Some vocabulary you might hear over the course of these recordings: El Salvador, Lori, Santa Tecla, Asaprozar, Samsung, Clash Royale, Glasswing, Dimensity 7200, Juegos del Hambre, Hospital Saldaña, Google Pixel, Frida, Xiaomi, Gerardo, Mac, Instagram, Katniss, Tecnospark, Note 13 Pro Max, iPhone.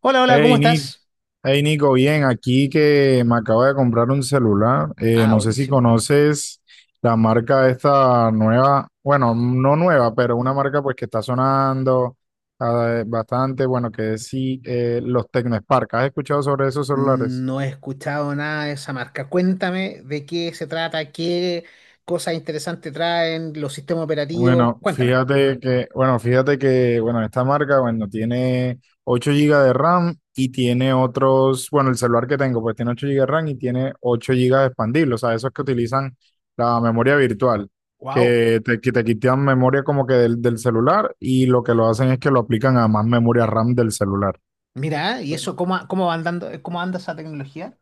Hola, hola, ¿cómo Hey, Nick, estás? hey Nico, bien, aquí que me acabo de comprar un celular. Ah, No sé si buenísimo. conoces la marca esta nueva, bueno, no nueva, pero una Ujú. marca pues que está sonando bastante, bueno, que es sí, los Tecnospark. ¿Has escuchado sobre esos celulares? No he escuchado nada de esa marca. Cuéntame de qué se trata, qué cosas interesantes traen los sistemas operativos. Bueno, Cuéntame. fíjate que, bueno, esta marca, bueno, tiene 8 gigas de RAM y tiene otros, bueno, el celular que tengo, pues tiene 8 gigas de RAM y tiene 8 GB expandible, o sea, esos que utilizan la memoria virtual, Wow. que te quitan memoria como que del celular y lo que lo hacen es que lo aplican a más memoria RAM del celular. Mira, ¿y eso cómo, cómo va andando, cómo anda esa tecnología?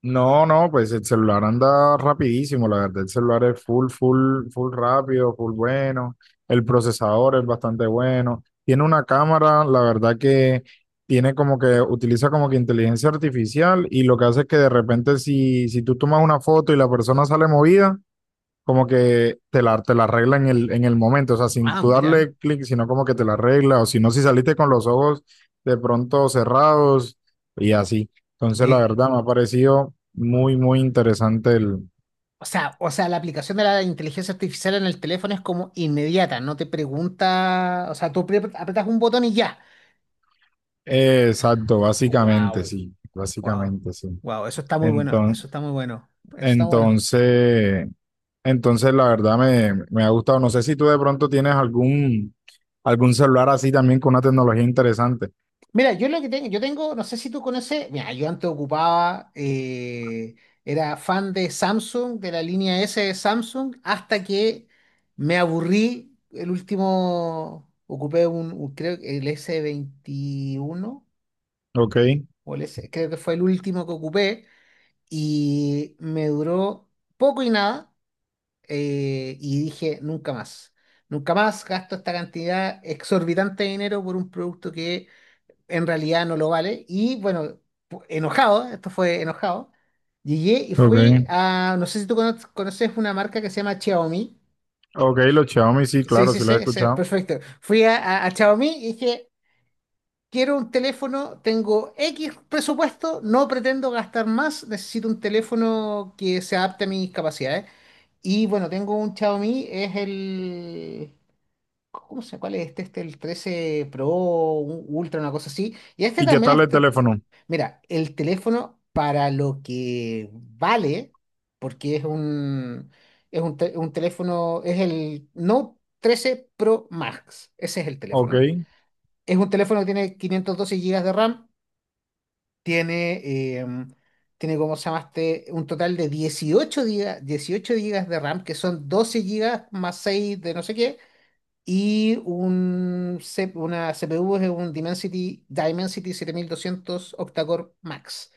No, no, pues el celular anda rapidísimo, la verdad, el celular es full, full, full rápido, full bueno, el procesador es bastante bueno, tiene una cámara, la verdad que tiene como que, utiliza como que inteligencia artificial y lo que hace es que de repente si tú tomas una foto y la persona sale movida, como que te la arregla en el momento, o sea, sin Ah, tú mira. darle clic, sino como que te la arregla, o si no, si saliste con los ojos de pronto cerrados y así. Entonces, la Eh, verdad, me ha parecido muy, muy interesante el... o sea, la aplicación de la inteligencia artificial en el teléfono es como inmediata, no te pregunta, o sea, apretas un botón y ya. Exacto, básicamente, Wow, sí, wow, básicamente, sí. wow, eso está muy bueno, eso Enton- está muy bueno, eso está bueno. entonces, entonces, la verdad, me ha gustado. No sé si tú de pronto tienes algún celular así también con una tecnología interesante. Mira, yo lo que tengo, yo tengo, no sé si tú conoces. Mira, yo antes ocupaba, era fan de Samsung, de la línea S de Samsung, hasta que me aburrí. El último, ocupé un, creo que el s veintiuno Ok, o el S, creo que fue el último que ocupé, y me duró poco y nada, y dije, nunca más. Nunca más gasto esta cantidad exorbitante de dinero por un producto que en realidad no lo vale. Y bueno, enojado, esto fue enojado, llegué y fui ok. a, no sé si conoces una marca que se llama Xiaomi. Ok, los Xiaomi, sí, Sí, claro, sí, sí los he sí, sí, escuchado. perfecto. Fui a Xiaomi y dije, quiero un teléfono, tengo X presupuesto, no pretendo gastar más, necesito un teléfono que se adapte a mis capacidades. Y bueno, tengo un Xiaomi, es el... ¿Cómo se cuál es este? Este, el 13 Pro, un Ultra, una cosa así. Y este ¿Y qué también tal el está. teléfono? Mira, el teléfono para lo que vale, porque un teléfono, es el Note 13 Pro Max, ese es el Ok, teléfono. Es un teléfono que tiene 512 GB de RAM, tiene, tiene cómo se llamaste, un total de 18 GB, 18 GB de RAM, que son 12 GB más 6 de no sé qué, una CPU es un Dimensity 7200 octa-core Max.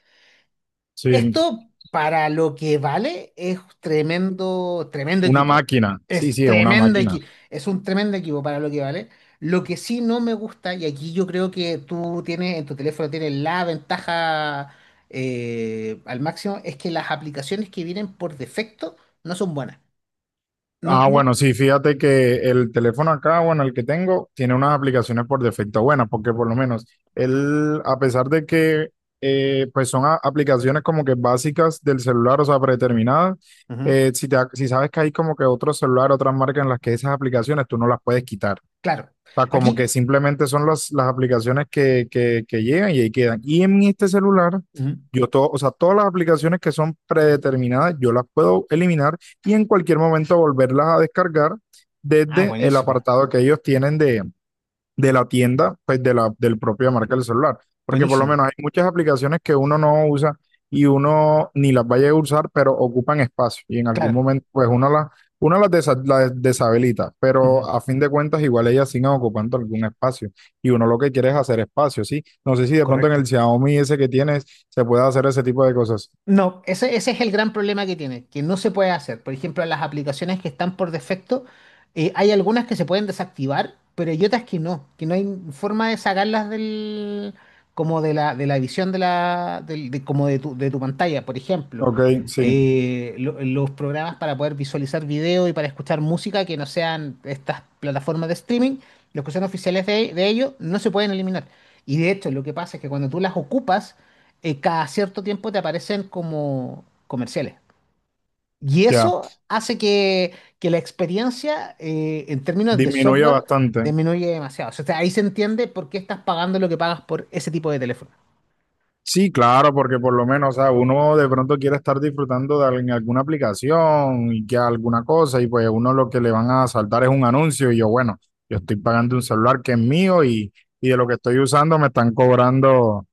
sí, Esto, para lo que vale, es tremendo, tremendo una equipo. máquina. Sí, Es sí, es una tremendo máquina. equipo. Es un tremendo equipo para lo que vale. Lo que sí no me gusta, y aquí yo creo que tú tienes, en tu teléfono tienes la ventaja al máximo, es que las aplicaciones que vienen por defecto no son buenas. No, Ah, no. bueno, sí, fíjate que el teléfono acá, bueno, el que tengo, tiene unas aplicaciones por defecto buenas, porque por lo menos él, a pesar de que, pues son a- aplicaciones como que básicas del celular, o sea, predeterminadas, Ujú. Si, te, si sabes que hay como que otro celular, otras marcas en las que esas aplicaciones tú no las puedes quitar. Claro. Sea, como que Aquí. simplemente son las aplicaciones que llegan y ahí quedan. Y en este celular, Ujú. yo todo, o sea, todas las aplicaciones que son predeterminadas, yo las puedo eliminar y en cualquier momento volverlas a descargar Ah, desde el buenísimo. apartado que ellos tienen de la tienda, pues de la del propia marca del celular. Porque por lo Buenísimo. menos hay muchas aplicaciones que uno no usa y uno ni las vaya a usar, pero ocupan espacio y en algún Claro. momento pues uno las, desa- las deshabilita, pero Ujú. a fin de cuentas igual ellas siguen ocupando algún espacio y uno lo que quiere es hacer espacio, ¿sí? No sé si de pronto en el Correcto. Xiaomi ese que tienes se puede hacer ese tipo de cosas. No, ese es el gran problema que tiene, que no se puede hacer. Por ejemplo, las aplicaciones que están por defecto, hay algunas que se pueden desactivar, pero hay otras que no hay forma de sacarlas como de la visión de la, del- de, como de tu pantalla. Por ejemplo, Ok, sí, los programas para poder visualizar video y para escuchar música que no sean estas plataformas de streaming, los que son oficiales de ellos, no se pueden eliminar. Y de hecho, lo que pasa es que cuando tú las ocupas, cada cierto tiempo te aparecen como comerciales. Y ya, eso hace que la experiencia en términos de disminuye software bastante. disminuye demasiado. O sea, ahí se entiende por qué estás pagando lo que pagas por ese tipo de teléfono. Sí, claro, porque por lo menos, o sea, uno de pronto quiere estar disfrutando de al- en alguna aplicación y que alguna cosa, y pues uno lo que le van a saltar es un anuncio, y yo, bueno, yo estoy pagando un celular que es mío y de lo que estoy usando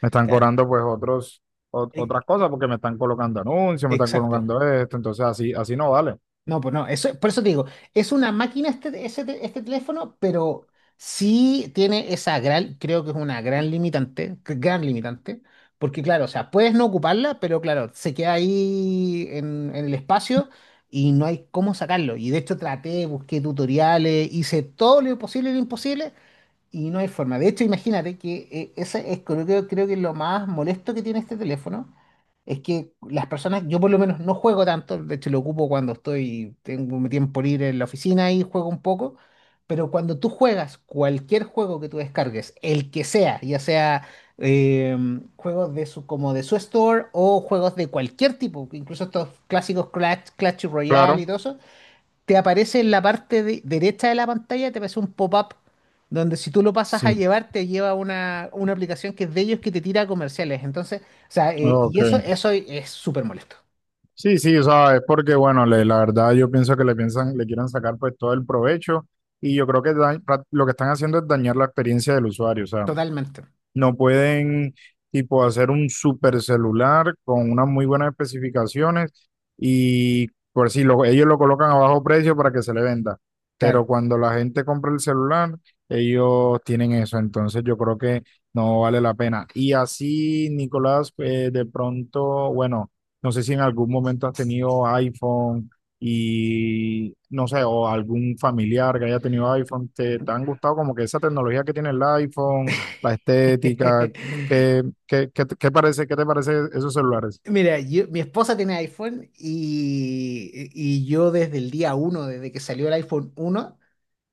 me están Claro. cobrando pues otros, ot- E- otras cosas, porque me están colocando anuncios, me están Exacto. colocando esto, entonces así, así no vale. No, pues no, eso, por eso te digo, es una máquina este teléfono, pero sí tiene esa gran, creo que es una gran limitante, gran limitante, porque claro, o sea, puedes no ocuparla, pero claro, se queda ahí en el espacio y no hay cómo sacarlo. Y de hecho traté, busqué tutoriales, hice todo lo posible y lo imposible, y no hay forma. De hecho, imagínate que ese es, creo que lo más molesto que tiene este teléfono es que las personas, yo por lo menos no juego tanto, de hecho lo ocupo cuando estoy, tengo mi tiempo libre en la oficina y juego un poco, pero cuando tú juegas cualquier juego que tú descargues, el que sea, ya sea eh, juegos como de su store o juegos de cualquier tipo, incluso estos clásicos Clash Royale Claro, y todo eso, te aparece en la parte derecha de la pantalla, te aparece un pop-up donde si tú lo pasas a sí, llevar, te lleva una aplicación que es de ellos que te tira comerciales. Entonces, o sea, y ok. eso es súper molesto. Sí, sí, o sea, es porque, bueno, le- la verdad yo pienso que le piensan, le quieren sacar pues todo el provecho y yo creo que da- pra- lo que están haciendo es dañar la experiencia del usuario, o sea, Totalmente. no pueden, tipo, hacer un super celular con unas muy buenas especificaciones y por si lo- ellos lo colocan a bajo precio para que se le venda. Pero Claro. cuando la gente compra el celular, ellos tienen eso. Entonces yo creo que no vale la pena. Y así, Nicolás, de pronto, bueno, no sé si en algún momento has tenido iPhone y no sé, o algún familiar que haya tenido iPhone, ¿te han gustado como que esa tecnología que tiene el iPhone? La estética, ¿qué qué te parece esos celulares? Mira, mi esposa tiene iPhone y yo desde el día uno, desde que salió el iPhone uno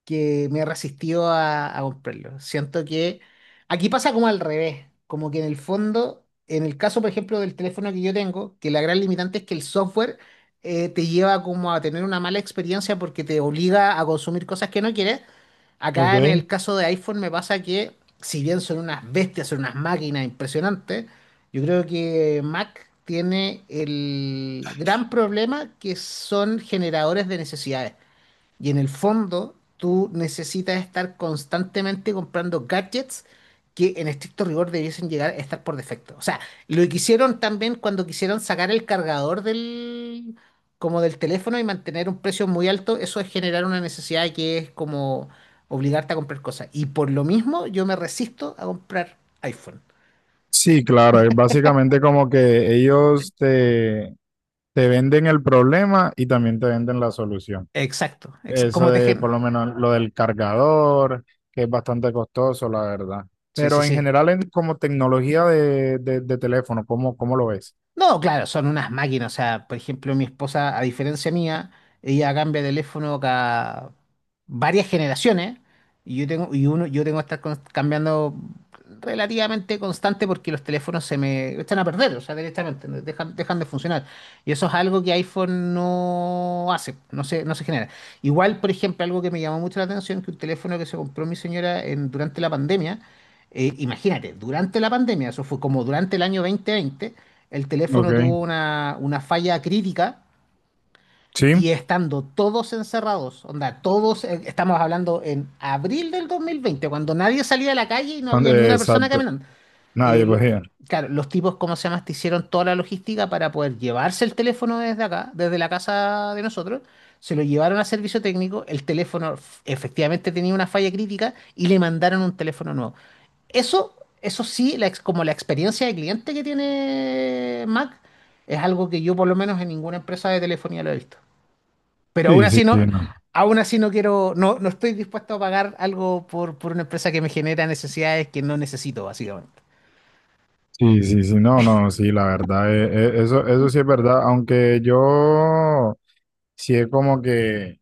que me he resistido a comprarlo. Siento que aquí pasa como al revés, como que en el fondo, en el caso, por ejemplo, del teléfono que yo tengo, que la gran limitante es que el software te lleva como a tener una mala experiencia porque te obliga a consumir cosas que no quieres. Ok. Acá en el caso de iPhone me pasa que, si bien son unas bestias, son unas máquinas impresionantes, yo creo que Mac tiene el gran problema que son generadores de necesidades. Y en el fondo, tú necesitas estar constantemente comprando gadgets que en estricto rigor debiesen llegar a estar por defecto. O sea, lo que hicieron también cuando quisieron sacar el cargador del, como del teléfono y mantener un precio muy alto, eso es generar una necesidad que es como obligarte a comprar cosas. Y por lo mismo, yo me resisto a comprar iPhone. Sí, claro, es básicamente como que ellos te venden el problema y también te venden la solución. Exacto, exacto. Eso Como te de gen. por lo menos lo del cargador, que es bastante costoso, la verdad. Sí, sí, Pero en sí. general, en- como tecnología de teléfono, ¿cómo lo ves? No, claro, son unas máquinas. O sea, por ejemplo, mi esposa, a diferencia mía, ella cambia de teléfono cada varias generaciones. Y yo tengo, y uno, yo tengo que estar cambiando relativamente constante porque los teléfonos se me echan a perder, o sea, directamente, dejan, dejan de funcionar. Y eso es algo que iPhone no hace, no se genera. Igual, por ejemplo, algo que me llamó mucho la atención, que un teléfono que se compró mi señora durante la pandemia, imagínate, durante la pandemia, eso fue como durante el año 2020. El Ok, teléfono tuvo una falla crítica sí, y estando todos encerrados, onda, todos, estamos hablando en abril del 2020, cuando nadie salía a la calle y no and- había ni una persona exacto. caminando. Eh, Nadie lo lo- veía. claro, los tipos, ¿cómo se llama? Te hicieron toda la logística para poder llevarse el teléfono desde acá, desde la casa de nosotros. Se lo llevaron a servicio técnico, el teléfono efectivamente tenía una falla crítica y le mandaron un teléfono nuevo. Eso, eso sí, como la experiencia de cliente que tiene Mac es algo que yo por lo menos en ninguna empresa de telefonía lo he visto. Pero Sí, sí, sí, no. aún así no quiero, no, no estoy dispuesto a pagar algo por una empresa que me genera necesidades que no necesito, básicamente. Sí, sí, sí, no, no, sí, la verdad, eso, eso sí es verdad, aunque yo sí he como que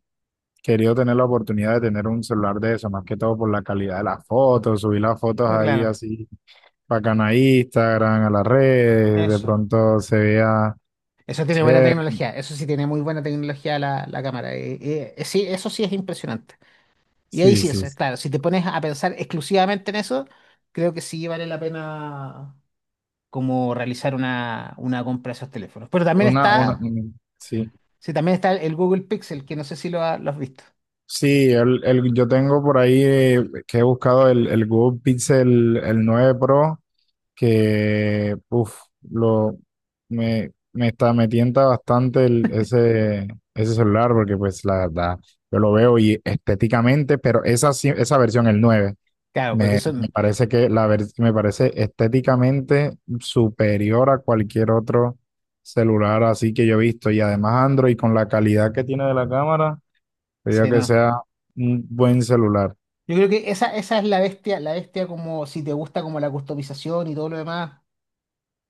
querido tener la oportunidad de tener un celular de eso, más que todo por la calidad de las fotos, subir las fotos Bueno, ahí claro, así, bacana a Instagram, a las redes, de eso. pronto se vea, Eso tiene buena che, tecnología, eso sí tiene muy buena tecnología la, la cámara. Sí, eso sí es impresionante. Y ahí sí, sí, es sí, sí, claro, si te pones a pensar exclusivamente en eso, creo que sí vale la pena como realizar una compra de esos teléfonos. Pero también una, una, está, mm, sí. sí, también está el Google Pixel, que no sé si lo has visto. Sí, el- yo tengo por ahí que he buscado el Google Pixel el 9 Pro, que uf, lo, me está, me tienta bastante el- ese celular, porque pues la verdad, yo lo veo y estéticamente, pero esa, sí- esa versión, el 9 Claro, porque me, son, me parece que la ver- me parece estéticamente superior a cualquier otro celular así que yo he visto. Y además Android con la calidad que tiene de la cámara. Sería sí, que no. sea un buen celular. Yo creo que esa es la bestia como si te gusta como la customización y todo lo demás,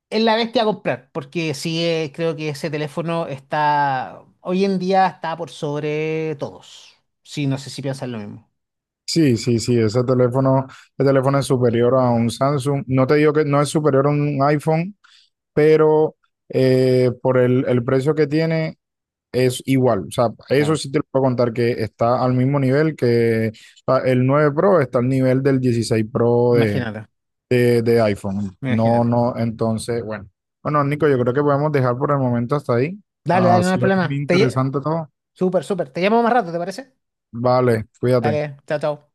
es la bestia a comprar, porque sí, creo que ese teléfono está, hoy en día está por sobre todos. Sí, no sé si piensan lo mismo. Sí, sí, sí, ese teléfono, el teléfono es superior a un Samsung. No te digo que no es superior a un iPhone, pero por el precio que tiene es igual. O sea, eso Claro, sí te lo puedo contar que está al mismo nivel que o sea, el 9 Pro está al nivel del 16 Pro de, imagínate, de, de iPhone. No, imagínate. no, entonces, bueno. Bueno, Nico, yo creo que podemos dejar por el momento hasta ahí. Dale, Ha dale, no hay sido muy problema. Interesante todo. Súper, súper. Te llamo más rato, ¿te parece? Vale, cuídate. Dale, chao, chao.